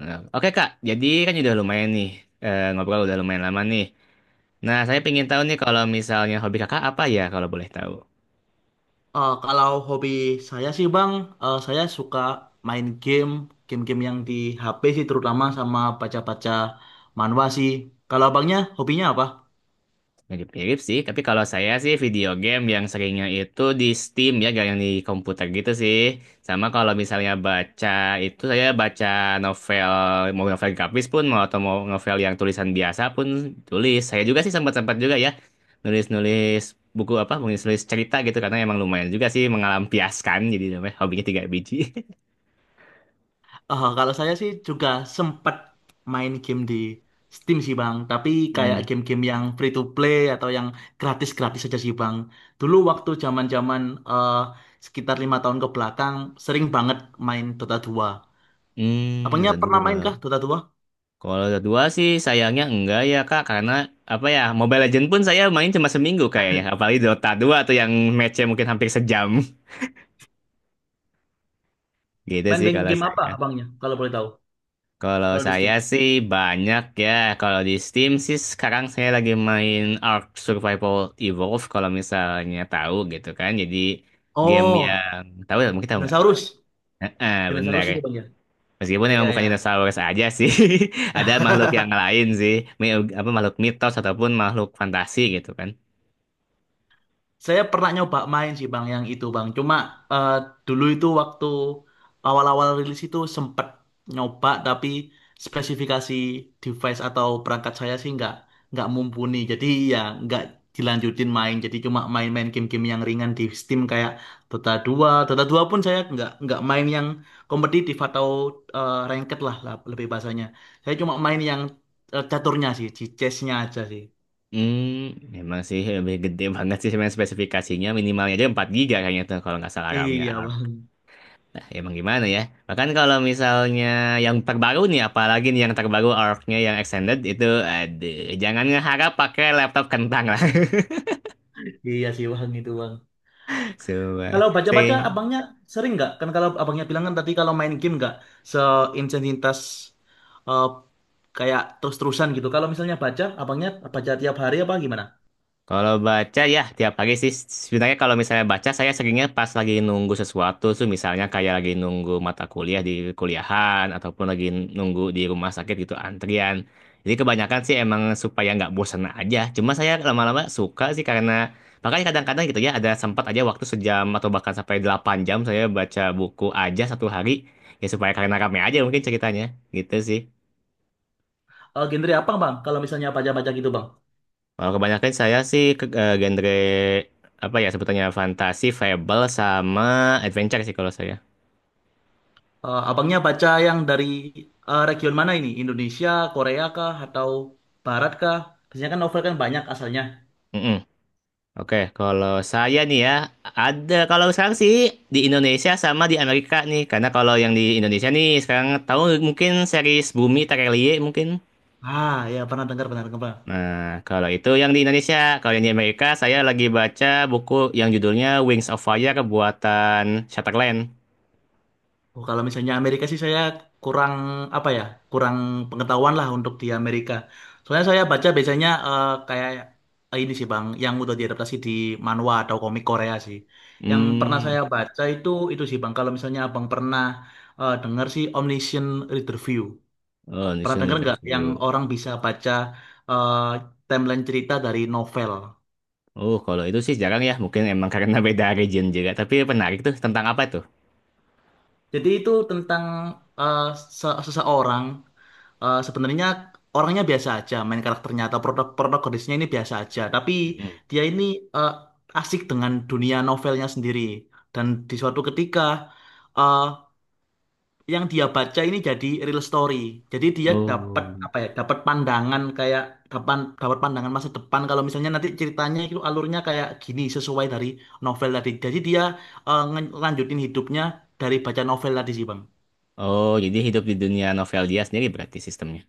Nah, oke Kak, jadi kan udah lumayan nih, ngobrol udah lumayan lama nih. Nah, saya pengen tahu nih, kalau misalnya hobi Kakak apa ya, kalau boleh tahu. Kalau hobi saya sih Bang, saya suka main game, game-game yang di HP sih terutama sama baca-baca manhwa sih. Kalau abangnya hobinya apa? Mirip-mirip sih, tapi kalau saya sih video game yang seringnya itu di Steam ya, gak yang di komputer gitu sih. Sama kalau misalnya baca itu, saya baca novel, mau novel grafis pun mau atau mau novel yang tulisan biasa pun tulis. Saya juga sih sempat-sempat juga ya nulis-nulis buku apa, nulis-nulis cerita gitu karena emang lumayan juga sih mengalampiaskan, jadi namanya hobinya tiga biji. Kalau saya sih juga sempat main game di Steam sih Bang, tapi kayak Hmm, game-game yang free to play atau yang gratis-gratis aja sih Bang. Dulu waktu zaman-zaman eh, sekitar 5 tahun ke belakang sering banget main Dota 2. Abangnya Dota 2. pernah main kah Dota 2? Kalau Dota 2 sih sayangnya enggak ya Kak, karena apa ya, Mobile Legends pun saya main cuma seminggu kayaknya. Apalagi Dota 2 tuh yang matchnya mungkin hampir sejam. Gitu Main sih game kalau game apa saya. abangnya kalau boleh tahu? Kalau Kalau di saya Steam? sih banyak ya. Kalau di Steam sih sekarang saya lagi main Ark Survival Evolved, kalau misalnya tahu gitu kan. Jadi game Oh, yang tahu ya, mungkin tahu nggak? dinosaurus. Heeh, benar. Dinosaurus itu Bang ya? Meskipun Iya, emang bukan ya. dinosaurus aja sih, ada makhluk yang lain sih, apa makhluk mitos ataupun makhluk fantasi gitu kan. Saya pernah nyoba main sih Bang yang itu Bang. Cuma eh, dulu itu waktu awal-awal rilis itu sempet nyoba tapi spesifikasi device atau perangkat saya sih nggak mumpuni. Jadi ya nggak dilanjutin main. Jadi cuma main-main game-game yang ringan di Steam kayak Dota 2. Dota 2 pun saya nggak main yang kompetitif atau ranked lah, lebih bahasanya. Saya cuma main yang caturnya sih, di chessnya aja sih. Hmm, memang sih lebih gede banget sih, sebenarnya spesifikasinya minimalnya aja 4 giga kayaknya tuh kalau nggak salah RAM-nya. Iya Bang. Nah, emang gimana ya? Bahkan kalau misalnya yang terbaru nih, apalagi nih yang terbaru ARC-nya yang extended itu, aduh, jangan ngeharap pakai laptop kentang lah. Iya sih Bang itu Bang. Coba Kalau baca-baca sih. abangnya sering nggak? Kan kalau abangnya bilang kan tadi kalau main game nggak seintensitas eh, kayak terus-terusan gitu. Kalau misalnya baca, abangnya baca tiap hari apa gimana? Kalau baca ya tiap pagi sih, sebenarnya kalau misalnya baca, saya seringnya pas lagi nunggu sesuatu tuh, misalnya kayak lagi nunggu mata kuliah di kuliahan ataupun lagi nunggu di rumah sakit gitu antrian. Jadi kebanyakan sih emang supaya nggak bosan aja. Cuma saya lama-lama suka sih, karena makanya kadang-kadang gitu ya ada sempat aja waktu sejam atau bahkan sampai 8 jam saya baca buku aja satu hari, ya supaya karena rame aja mungkin ceritanya, gitu sih. Genre apa bang? Kalau misalnya baca-baca gitu bang? Kalau kebanyakan saya sih ke genre apa ya sebutannya, fantasi, fable sama adventure sih kalau saya. Abangnya baca yang dari region mana ini? Indonesia, Korea kah? Atau Barat kah? Biasanya kan novel kan banyak asalnya. Mm-mm. Oke, kalau saya nih ya ada, kalau sekarang sih di Indonesia sama di Amerika nih. Karena kalau yang di Indonesia nih sekarang, tahu mungkin series Bumi Terelie mungkin. Ah ya, pernah dengar. Nah, kalau itu yang di Indonesia, kalau yang di Amerika saya lagi baca buku yang judulnya Wings of Fire buatan Shatterland. Oh, kalau misalnya Amerika sih saya kurang apa ya, kurang pengetahuan lah untuk di Amerika. Soalnya saya baca biasanya kayak ini sih Bang, yang udah diadaptasi di manhwa atau komik Korea sih. Yang pernah Hmm, saya baca itu sih Bang, kalau misalnya Abang pernah dengar sih Omniscient Reader View. oh, Pernah National dengar nggak yang Interview. orang bisa baca eh, timeline cerita dari novel? Oh, kalau itu sih jarang ya, mungkin emang karena beda region juga. Tapi menarik tuh, tentang apa tuh? Jadi itu tentang eh, seseorang, sebenarnya orangnya biasa aja, main karakternya atau produk protagonisnya ini biasa aja, tapi Mm. dia ini eh, asik dengan dunia novelnya sendiri. Dan di suatu ketika eh, yang dia baca ini jadi real story. Jadi dia dapat Oh. apa ya? Dapat pandangan kayak dapat dapat pandangan masa depan kalau misalnya nanti ceritanya itu alurnya kayak gini sesuai dari novel tadi. Jadi dia ngelanjutin hidupnya dari baca novel tadi sih, Bang. Oh, jadi hidup di dunia novel dia sendiri berarti sistemnya.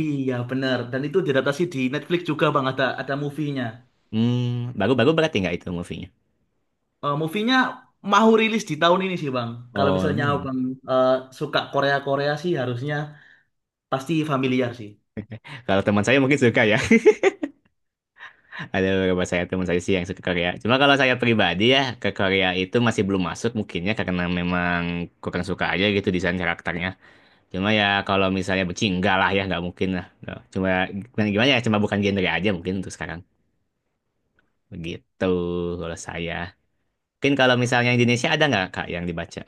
Iya benar, dan itu diadaptasi di Netflix juga Bang, ada movie-nya. Hmm, baru-baru berarti nggak itu movie-nya? Eh, movie-nya mau rilis di tahun ini sih Bang. Kalau Oh, misalnya ini. Bang eh, suka Korea-Korea sih harusnya pasti familiar sih. Kalau teman saya mungkin suka ya. Ada beberapa saya teman saya sih yang suka Korea. Cuma kalau saya pribadi ya, ke Korea itu masih belum masuk mungkinnya, karena memang kurang suka aja gitu desain karakternya. Cuma ya kalau misalnya benci, enggak lah ya, nggak mungkin lah. Nggak. Cuma gimana, gimana ya, cuma bukan genre aja mungkin untuk sekarang. Begitu kalau saya. Mungkin kalau misalnya Indonesia ada nggak Kak yang dibaca?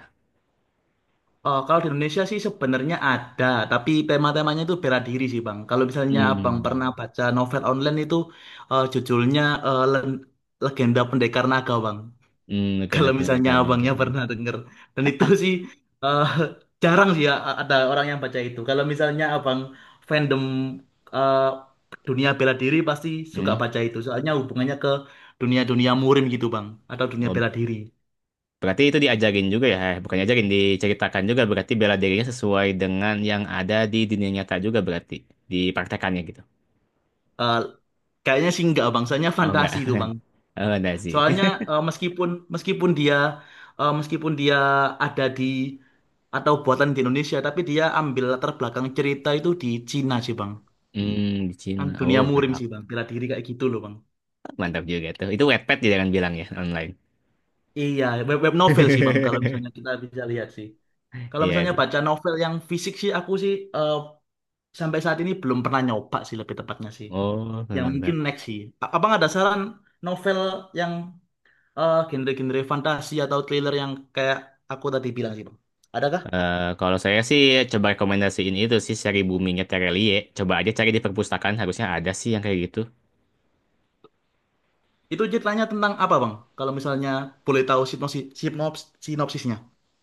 Eh, kalau di Indonesia sih sebenarnya ada tapi tema-temanya itu bela diri sih Bang. Kalau misalnya Abang pernah Hmm, baca novel online itu judulnya eh, Len- Legenda Pendekar Naga Bang. Mungkin Kalau ada misalnya pendekar naga. abangnya pernah denger. Dan itu sih eh, jarang sih ya ada orang yang baca itu. Kalau misalnya abang fandom eh, dunia bela diri pasti suka Hmm. baca itu. Soalnya hubungannya ke dunia-dunia murim gitu bang. Atau dunia Oh, bela diri. berarti itu diajarin juga ya? Eh, bukan diajarin, diceritakan juga. Berarti bela dirinya sesuai dengan yang ada di dunia nyata juga berarti. Dipraktekannya gitu. Eh, kayaknya sih enggak bang. Soalnya Oh enggak. fantasi itu bang. Oh enggak sih. Soalnya eh, meskipun meskipun dia eh, meskipun dia ada di atau buatan di Indonesia. Tapi dia ambil latar belakang cerita itu di Cina sih bang. Hmm, di Kan Cina. dunia Oh, oke, murim Pak. sih bang. Bela diri kayak gitu loh bang. Mantap juga tuh. Itu Wattpad dia kan bilang ya, online. Iya, web novel sih Bang, kalau misalnya kita bisa lihat sih. Kalau Iya misalnya sih. baca novel yang fisik sih, aku sih sampai saat ini belum pernah nyoba sih lebih tepatnya sih. Oh, Yang mungkin next sih. Abang ada saran novel yang genre-genre fantasi atau thriller yang kayak aku tadi bilang sih Bang? Adakah? Kalau saya sih coba rekomendasiin itu sih, seri boomingnya Terelie. Coba aja cari di perpustakaan, harusnya ada sih yang kayak gitu. Itu ceritanya tentang apa Bang? Kalau misalnya boleh tahu sinopsis, sinopsisnya.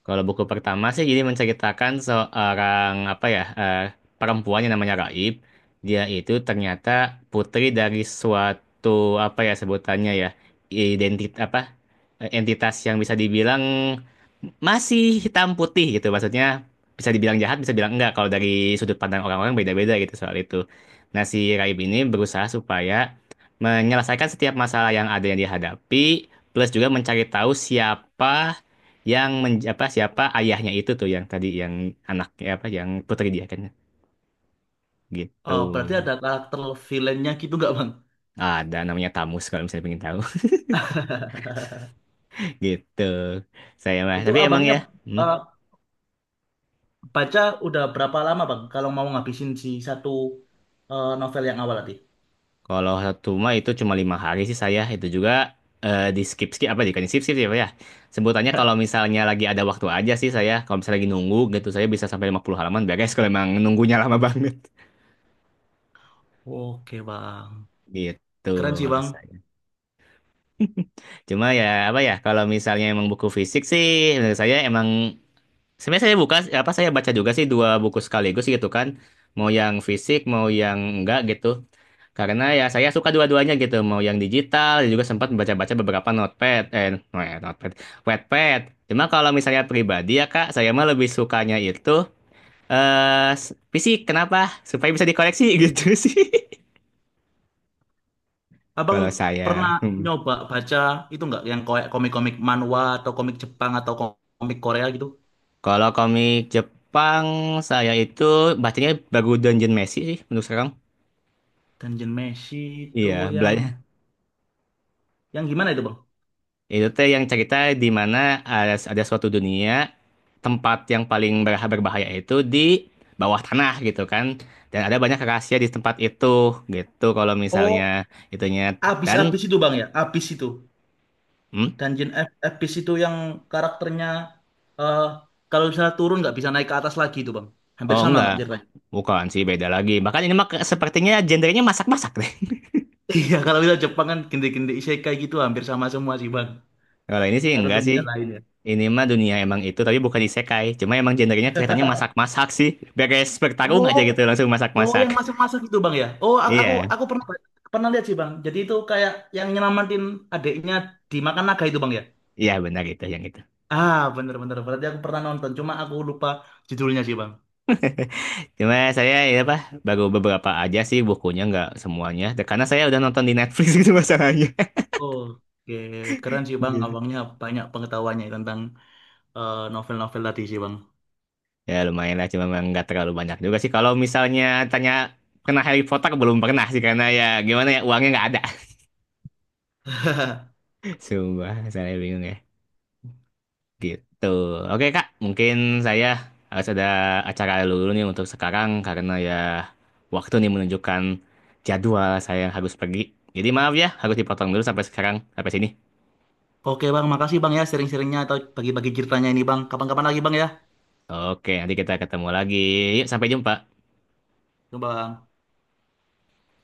Kalau buku pertama sih jadi menceritakan seorang apa ya perempuan yang namanya Raib. Dia itu ternyata putri dari suatu apa ya sebutannya ya, identit apa, entitas yang bisa dibilang masih hitam putih gitu. Maksudnya bisa dibilang jahat, bisa bilang enggak. Kalau dari sudut pandang orang-orang beda-beda gitu soal itu. Nah si Raib ini berusaha supaya menyelesaikan setiap masalah yang ada yang dihadapi, plus juga mencari tahu siapa yang men, apa siapa ayahnya itu tuh, yang tadi yang anaknya apa yang putri dia kan gitu. Oh, berarti ada karakter villainnya gitu nggak Bang? Ada namanya Tamus, kalau misalnya pengen tahu. Gitu saya mah, Itu tapi emang abangnya ya hmm, eh, baca udah berapa lama Bang kalau mau ngabisin si satu novel yang awal tadi? kalau satu mah itu cuma 5 hari sih saya itu, juga di skip skip apa, bukan di skip skip ya Pak, ya sebutannya, kalau misalnya lagi ada waktu aja sih saya, kalau misalnya lagi nunggu gitu saya bisa sampai 50 halaman beres kalau emang nunggunya lama banget. Oke Bang, Gitu keren sih kalau Bang. saya. Cuma ya apa ya kalau misalnya emang buku fisik sih, menurut saya emang, sebenarnya saya buka apa saya baca juga sih dua buku sekaligus gitu kan. Mau yang fisik, mau yang enggak gitu. Karena ya saya suka dua-duanya gitu, mau yang digital, dan juga sempat baca-baca beberapa notepad eh no, eh, notepad, Wattpad. Cuma kalau misalnya pribadi ya Kak, saya mah lebih sukanya itu fisik. Kenapa? Supaya bisa dikoleksi gitu sih. Abang Kalau pernah saya, hmm. nyoba baca itu nggak yang kayak komik-komik manhwa atau komik Jepang atau komik Korea gitu? Kalau komik Jepang saya itu bacanya baru Dungeon Messi sih menurut sekarang. Dungeon Meshi itu Iya, yang bela- yang gimana itu Bang? itu teh yang cerita di mana ada suatu dunia, tempat yang paling berbahaya itu di bawah tanah gitu kan. Dan ada banyak rahasia di tempat itu gitu, kalau Oh, misalnya itunya, dan abis-abis itu Bang ya, abis itu. hmm? Dungeon abis itu yang karakternya eh kalau misalnya turun nggak bisa naik ke atas lagi itu Bang. Hampir Oh sama enggak, nggak cerita? bukan sih, beda lagi. Bahkan ini mah sepertinya gendernya masak-masak deh. Iya, kalau kita Jepang kan gende-gende isekai gitu hampir sama semua sih bang. Kalau ini sih Atau enggak sih. dunia lain ya. Ini mah dunia emang itu tapi bukan isekai. Cuma emang gendernya kelihatannya masak-masak sih. Beres bertarung Oh, aja gitu langsung oh masak-masak. yang masak-masak itu bang ya. Oh, Iya, aku pernah pernah lihat sih bang. Jadi itu kayak yang nyelamatin adiknya dimakan naga itu bang ya. iya benar itu yang itu. Ah, bener-bener. Berarti aku pernah nonton. Cuma aku lupa judulnya sih bang. Cuma saya ya apa baru beberapa aja sih bukunya, nggak semuanya. Dan karena saya udah nonton di Netflix gitu masalahnya. Oke, keren sih bang. Gitu. Abangnya banyak pengetahuannya tentang novel-novel tadi sih bang. Ya lumayan lah, cuma memang nggak terlalu banyak juga sih. Kalau misalnya tanya pernah Harry Potter, belum pernah sih, karena ya gimana ya, uangnya nggak ada. Sumpah, saya bingung ya. Gitu. Oke Kak, mungkin saya harus ada acara dulu nih untuk sekarang, karena ya waktu nih menunjukkan jadwal saya yang harus pergi. Jadi maaf ya, harus dipotong dulu sampai sekarang, sampai sini. Oke bang, makasih bang ya sharing-sharingnya atau bagi-bagi ceritanya ini bang. Kapan-kapan lagi bang ya. Oke, nanti kita ketemu lagi. Yuk, sampai jumpa. Coba Bang.